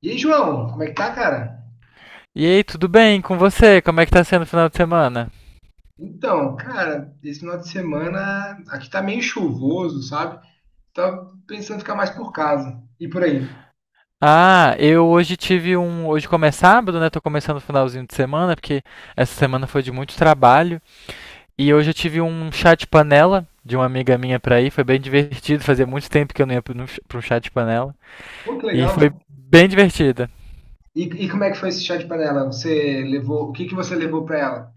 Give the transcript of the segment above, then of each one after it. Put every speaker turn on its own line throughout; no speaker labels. E aí, João, como é que tá, cara?
E aí, tudo bem com você? Como é que tá sendo o final de semana?
Então, cara, esse final de semana aqui tá meio chuvoso, sabe? Tava pensando em ficar mais por casa e por aí.
Ah, eu hoje tive um. Hoje como é sábado, né? Tô começando o finalzinho de semana, porque essa semana foi de muito trabalho. E hoje eu tive um chá de panela de uma amiga minha pra ir. Foi bem divertido. Fazia muito tempo que eu não ia pra um chá de panela.
Pô, que
E foi
legal.
bem divertida.
E como é que foi esse chá de panela? Você levou, o que que você levou pra ela?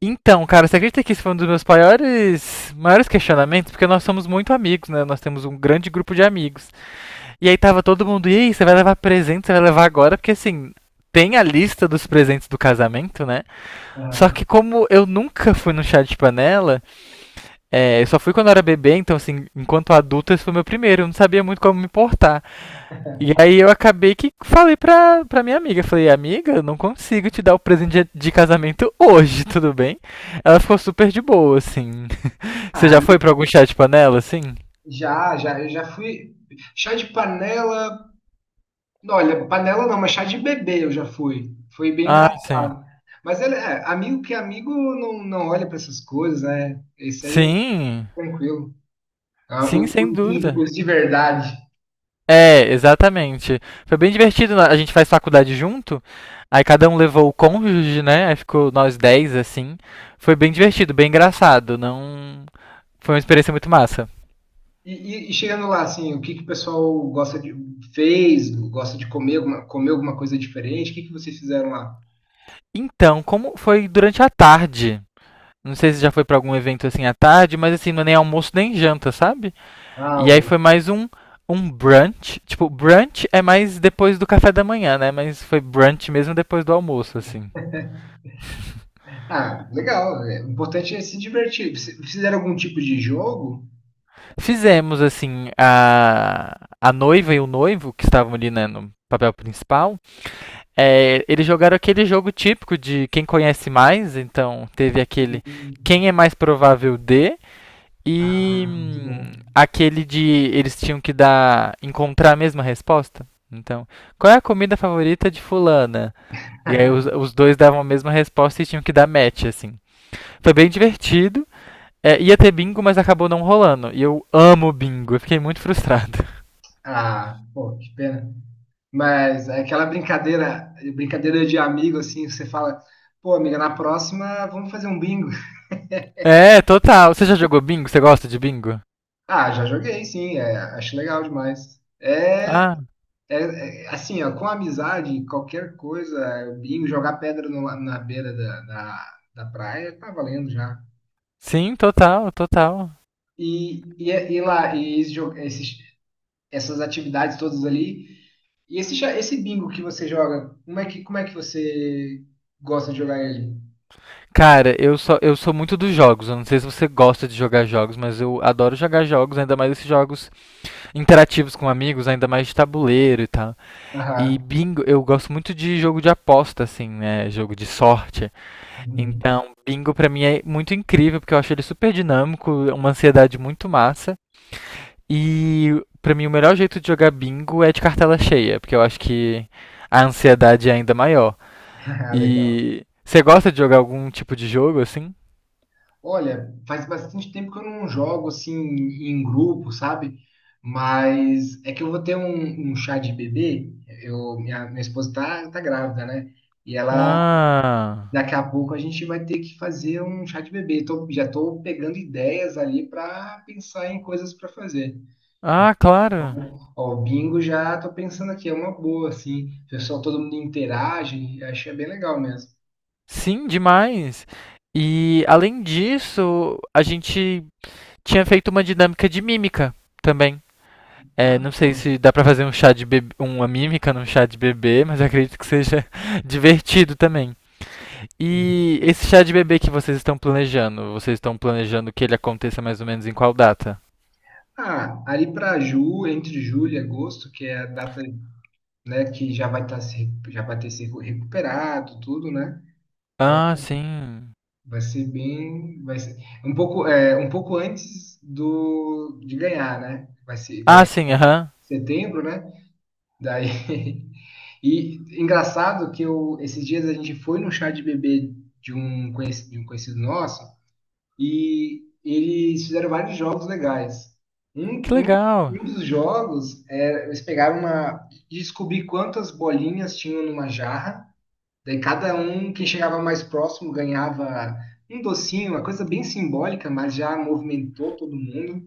Então, cara, você acredita que esse foi um dos meus maiores questionamentos? Porque nós somos muito amigos, né? Nós temos um grande grupo de amigos. E aí tava todo mundo, e aí, você vai levar presente, você vai levar agora, porque assim, tem a lista dos presentes do casamento, né? Só
Ah,
que como eu nunca fui no chá de panela, é, eu só fui quando eu era bebê, então assim, enquanto adulto esse foi o meu primeiro, eu não sabia muito como me portar. E aí eu acabei que falei pra minha amiga, falei, amiga, eu não consigo te dar o presente de casamento hoje, tudo bem? Ela ficou super de boa, assim. Você já
ah,
foi pra algum chá de panela, assim?
já, já, eu já fui. Chá de panela, não, olha, panela não, mas chá de bebê eu já fui. Foi bem
Ah, sim.
engraçado. Mas ele, é, amigo que é amigo não, não olha pra essas coisas, né? Isso aí é
Sim,
tranquilo. Ah,
sim, sem
os,
dúvida.
os de verdade.
É, exatamente. Foi bem divertido, né? A gente faz faculdade junto. Aí cada um levou o cônjuge, né? Aí ficou nós 10, assim. Foi bem divertido, bem engraçado. Não. Foi uma experiência muito massa.
E chegando lá, assim, o que que o pessoal gosta de fez, gosta de comer alguma coisa diferente? O que que vocês fizeram lá?
Então, como foi durante a tarde? Não sei se já foi pra algum evento assim à tarde, mas assim, não é nem almoço nem janta, sabe?
Ah,
E aí
o-
foi mais um brunch. Tipo, brunch é mais depois do café da manhã, né? Mas foi brunch mesmo depois do almoço, assim.
ah, legal. É, o importante é se divertir. Fizeram algum tipo de jogo?
Fizemos, assim, a noiva e o noivo, que estavam ali, né, no papel principal, é, eles jogaram aquele jogo típico de quem conhece mais, então teve aquele
Hum.
quem é mais provável de, e
Ah, muito bom.
aquele de eles tinham que dar encontrar a mesma resposta. Então, qual é a comida favorita de fulana? E aí os, os dois davam a mesma resposta e tinham que dar match, assim. Foi bem divertido. É, ia ter bingo, mas acabou não rolando. E eu amo bingo, eu fiquei muito frustrado.
Ah, pô, que pena. Mas é aquela brincadeira, brincadeira de amigo, assim, você fala, pô, amiga, na próxima vamos fazer um bingo.
É, total. Você já jogou bingo? Você gosta de bingo?
Ah, já joguei, sim, é, acho legal demais. É.
Ah,
É, é, assim, ó, com amizade, qualquer coisa, bingo, jogar pedra no la- na beira da praia, tá valendo já.
sim, total.
E lá, e esses, essas atividades todas ali, e esse, esse bingo que você joga, como é que você gosta de jogar ele?
Cara, eu sou muito dos jogos. Eu não sei se você gosta de jogar jogos, mas eu adoro jogar jogos, ainda mais esses jogos interativos com amigos, ainda mais de tabuleiro e tal. E
Aham.
bingo, eu gosto muito de jogo de aposta, assim, né? Jogo de sorte.
Uhum.
Então, bingo pra mim é muito incrível, porque eu acho ele super dinâmico, uma ansiedade muito massa. E pra mim o melhor jeito de jogar bingo é de cartela cheia, porque eu acho que a ansiedade é ainda maior.
Ah, legal.
E você gosta de jogar algum tipo de jogo assim?
Olha, faz bastante tempo que eu não jogo assim em grupo, sabe? Mas é que eu vou ter um chá de bebê. Eu, minha esposa tá grávida, né? E ela,
Ah,
daqui a pouco a gente vai ter que fazer um chá de bebê. Já tô pegando ideias ali para pensar em coisas para fazer.
ah, claro.
Ó, o bingo já tô pensando aqui, é uma boa, assim. O pessoal, todo mundo interage, achei bem legal mesmo.
Sim, demais. E além disso, a gente tinha feito uma dinâmica de mímica também. É,
Ah,
não sei
boa.
se dá pra fazer um chá de bebê, uma mímica num chá de bebê, mas acredito que seja divertido também. E esse chá de bebê que vocês estão planejando que ele aconteça mais ou menos em qual data?
Ah, ali para Ju, entre julho e agosto, que é a data, né, que já vai estar se, já vai ter se recuperado, tudo, né?
Ah, sim.
Vai ser bem, vai ser um pouco, é, um pouco antes do de ganhar, né? Vai ser, vai
Ah,
ganhar
sim, aham.
em setembro, né? Daí e engraçado que eu esses dias a gente foi no chá de bebê de um conhecido nosso e eles fizeram vários jogos legais. Um, do-
Que
um,
legal.
um dos jogos é, eles pegaram uma descobrir quantas bolinhas tinham numa jarra. Daí cada um, quem chegava mais próximo, ganhava um docinho, uma coisa bem simbólica, mas já movimentou todo mundo.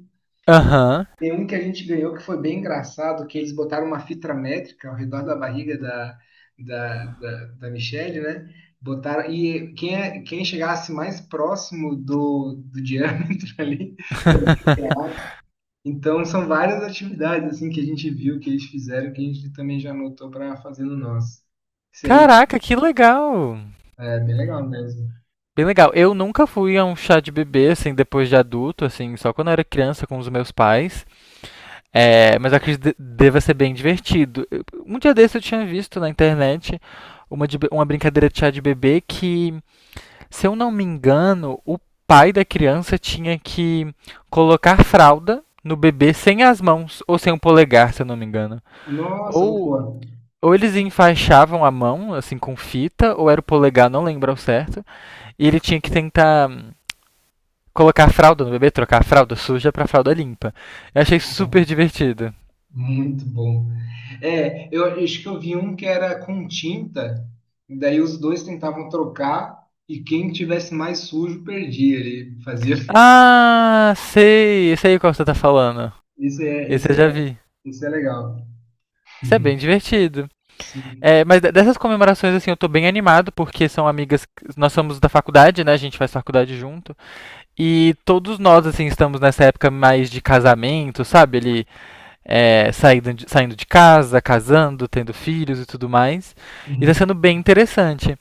Aham.
Tem um que a gente ganhou que foi bem engraçado, que eles botaram uma fita métrica ao redor da barriga da Michelle, né? Botaram, e quem, quem chegasse mais próximo do diâmetro ali também ganhava. Então são várias atividades assim que a gente viu, que eles fizeram, que a gente também já anotou para fazer no nosso. Isso aí
Caraca, que legal.
é bem legal mesmo.
Bem legal. Eu nunca fui a um chá de bebê, assim, depois de adulto, assim, só quando eu era criança com os meus pais. É, mas eu acredito que deva ser bem divertido. Eu. Um dia desse eu tinha visto na internet uma, uma brincadeira de chá de bebê que, se eu não me engano, o pai da criança tinha que colocar fralda no bebê sem as mãos, ou sem o polegar, se eu não me engano.
Nossa, muito
Ou,
boa.
ou eles enfaixavam a mão, assim, com fita, ou era o polegar, não lembro ao certo. E ele tinha que tentar colocar a fralda no bebê, trocar a fralda suja pra fralda limpa. Eu achei super divertido.
Muito bom. É, eu acho que eu vi um que era com tinta, e daí os dois tentavam trocar e quem tivesse mais sujo perdia. Ele fazia.
Ah, sei, sei qual você tá falando.
Esse é,
Esse
esse
eu já
é,
vi.
esse é legal.
Isso é
Uhum.
bem divertido.
Sim.
É, mas dessas comemorações, assim, eu tô bem animado, porque são amigas que. Nós somos da faculdade, né? A gente faz faculdade junto. E todos nós, assim, estamos nessa época mais de casamento, sabe? Ele é, saindo de casa, casando, tendo filhos e tudo mais. E tá
Uhum.
sendo bem interessante.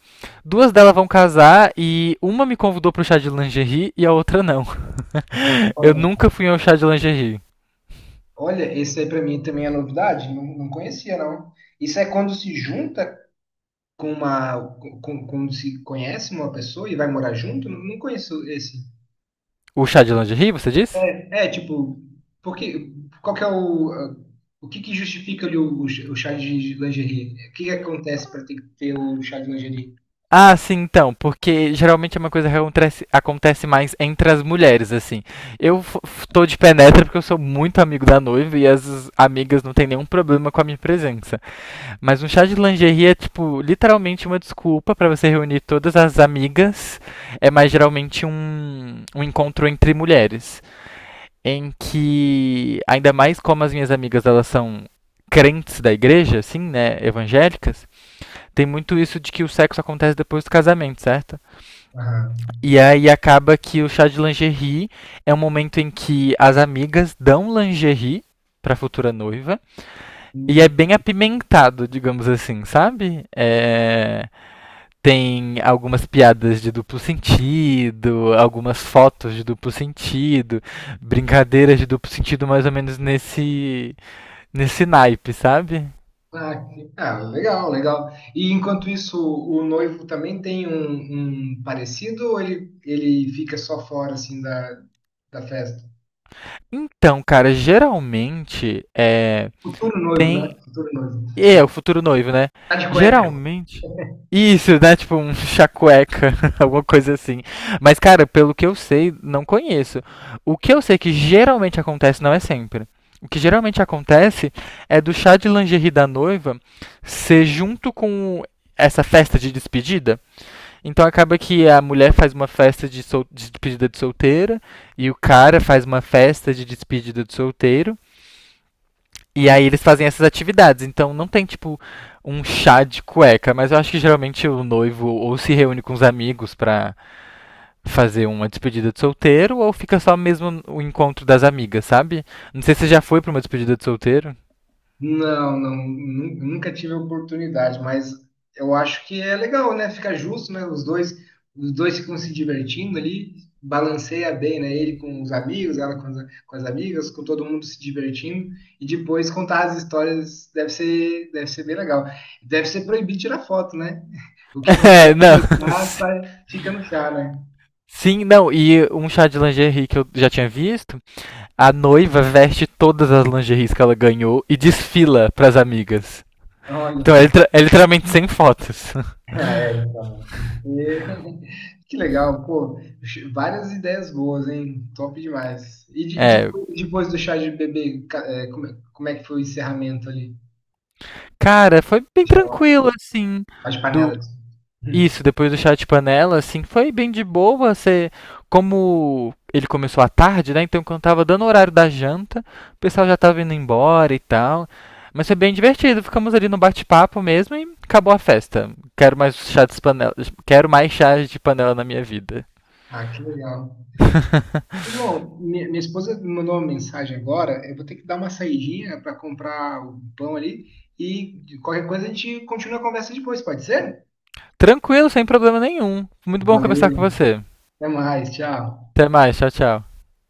Duas delas vão casar e uma me convidou pro chá de lingerie e a outra não. Eu
Olha, só.
nunca fui ao chá de lingerie.
Olha, esse aí pra mim também é novidade, não, não conhecia não. Isso é quando se junta com uma, quando se conhece uma pessoa e vai morar junto? Não, não conheço esse.
O chá de lingerie, você disse?
É, tipo, porque, qual que é o que que justifica ali o chá de lingerie? O que que acontece para ter que ter o chá de lingerie?
Ah, sim, então, porque geralmente é uma coisa que acontece, acontece mais entre as mulheres, assim. Eu tô de penetra porque eu sou muito amigo da noiva e as amigas não têm nenhum problema com a minha presença. Mas um chá de lingerie é, tipo, literalmente uma desculpa pra você reunir todas as amigas. É mais geralmente um encontro entre mulheres. Em que, ainda mais como as minhas amigas, elas são crentes da igreja, assim, né, evangélicas, tem muito isso de que o sexo acontece depois do casamento, certo?
Aham.
E aí acaba que o chá de lingerie é um momento em que as amigas dão lingerie pra futura noiva. E é
Hum.
bem apimentado, digamos assim, sabe? É, tem algumas piadas de duplo sentido, algumas fotos de duplo sentido, brincadeiras de duplo sentido mais ou menos nesse, nesse naipe, sabe?
Ah, legal, legal. E enquanto isso, o noivo também tem um parecido ou ele fica só fora, assim, da, da festa?
Então, cara, geralmente é,
Futuro noivo, né?
tem.
Futuro noivo.
E é, o futuro noivo, né?
Tá de cueca.
Geralmente. Isso, né? Tipo um chacueca, alguma coisa assim. Mas, cara, pelo que eu sei, não conheço. O que eu sei que geralmente acontece, não é sempre. O que geralmente acontece é do chá de lingerie da noiva ser junto com essa festa de despedida. Então acaba que a mulher faz uma festa de, de despedida de solteira e o cara faz uma festa de despedida de solteiro. E aí eles fazem essas atividades. Então não tem, tipo, um chá de cueca, mas eu acho que geralmente o noivo ou se reúne com os amigos pra fazer uma despedida de solteiro, ou fica só mesmo o encontro das amigas, sabe? Não sei se você já foi pra uma despedida de solteiro.
Não, não, nunca tive a oportunidade, mas eu acho que é legal, né? Fica justo, né? Os dois ficam se divertindo ali, balanceia bem, né? Ele com os amigos, ela com as amigas, com todo mundo se divertindo, e depois contar as histórias deve ser bem legal. Deve ser proibido tirar foto, né? O que
É,
acontece
não.
no mar fica no chá, né?
Sim, não, e um chá de lingerie que eu já tinha visto, a noiva veste todas as lingeries que ela ganhou e desfila pras amigas.
Olha
Então é,
só.
é literalmente sem fotos.
Ah, é, então. E- Que legal, pô. Várias ideias boas, hein? Top demais. E
É,
depois, depois do chá de bebê, é como é que foi o encerramento ali?
cara, foi bem
Já,
tranquilo, assim,
as
do
panelas. Hum.
isso, depois do chá de panela, assim, foi bem de boa, você, como ele começou à tarde, né, então quando tava dando o horário da janta, o pessoal já tava indo embora e tal, mas foi bem divertido, ficamos ali no bate-papo mesmo e acabou a festa. Quero mais chá de panela, quero mais chá de panela na minha vida.
Ah, que legal. João, minha esposa me mandou uma mensagem agora. Eu vou ter que dar uma saidinha para comprar o pão ali. E de qualquer coisa a gente continua a conversa depois, pode ser?
Tranquilo, sem problema nenhum. Muito bom conversar com
Valeu,
você.
até mais, tchau.
Até mais, tchau, tchau.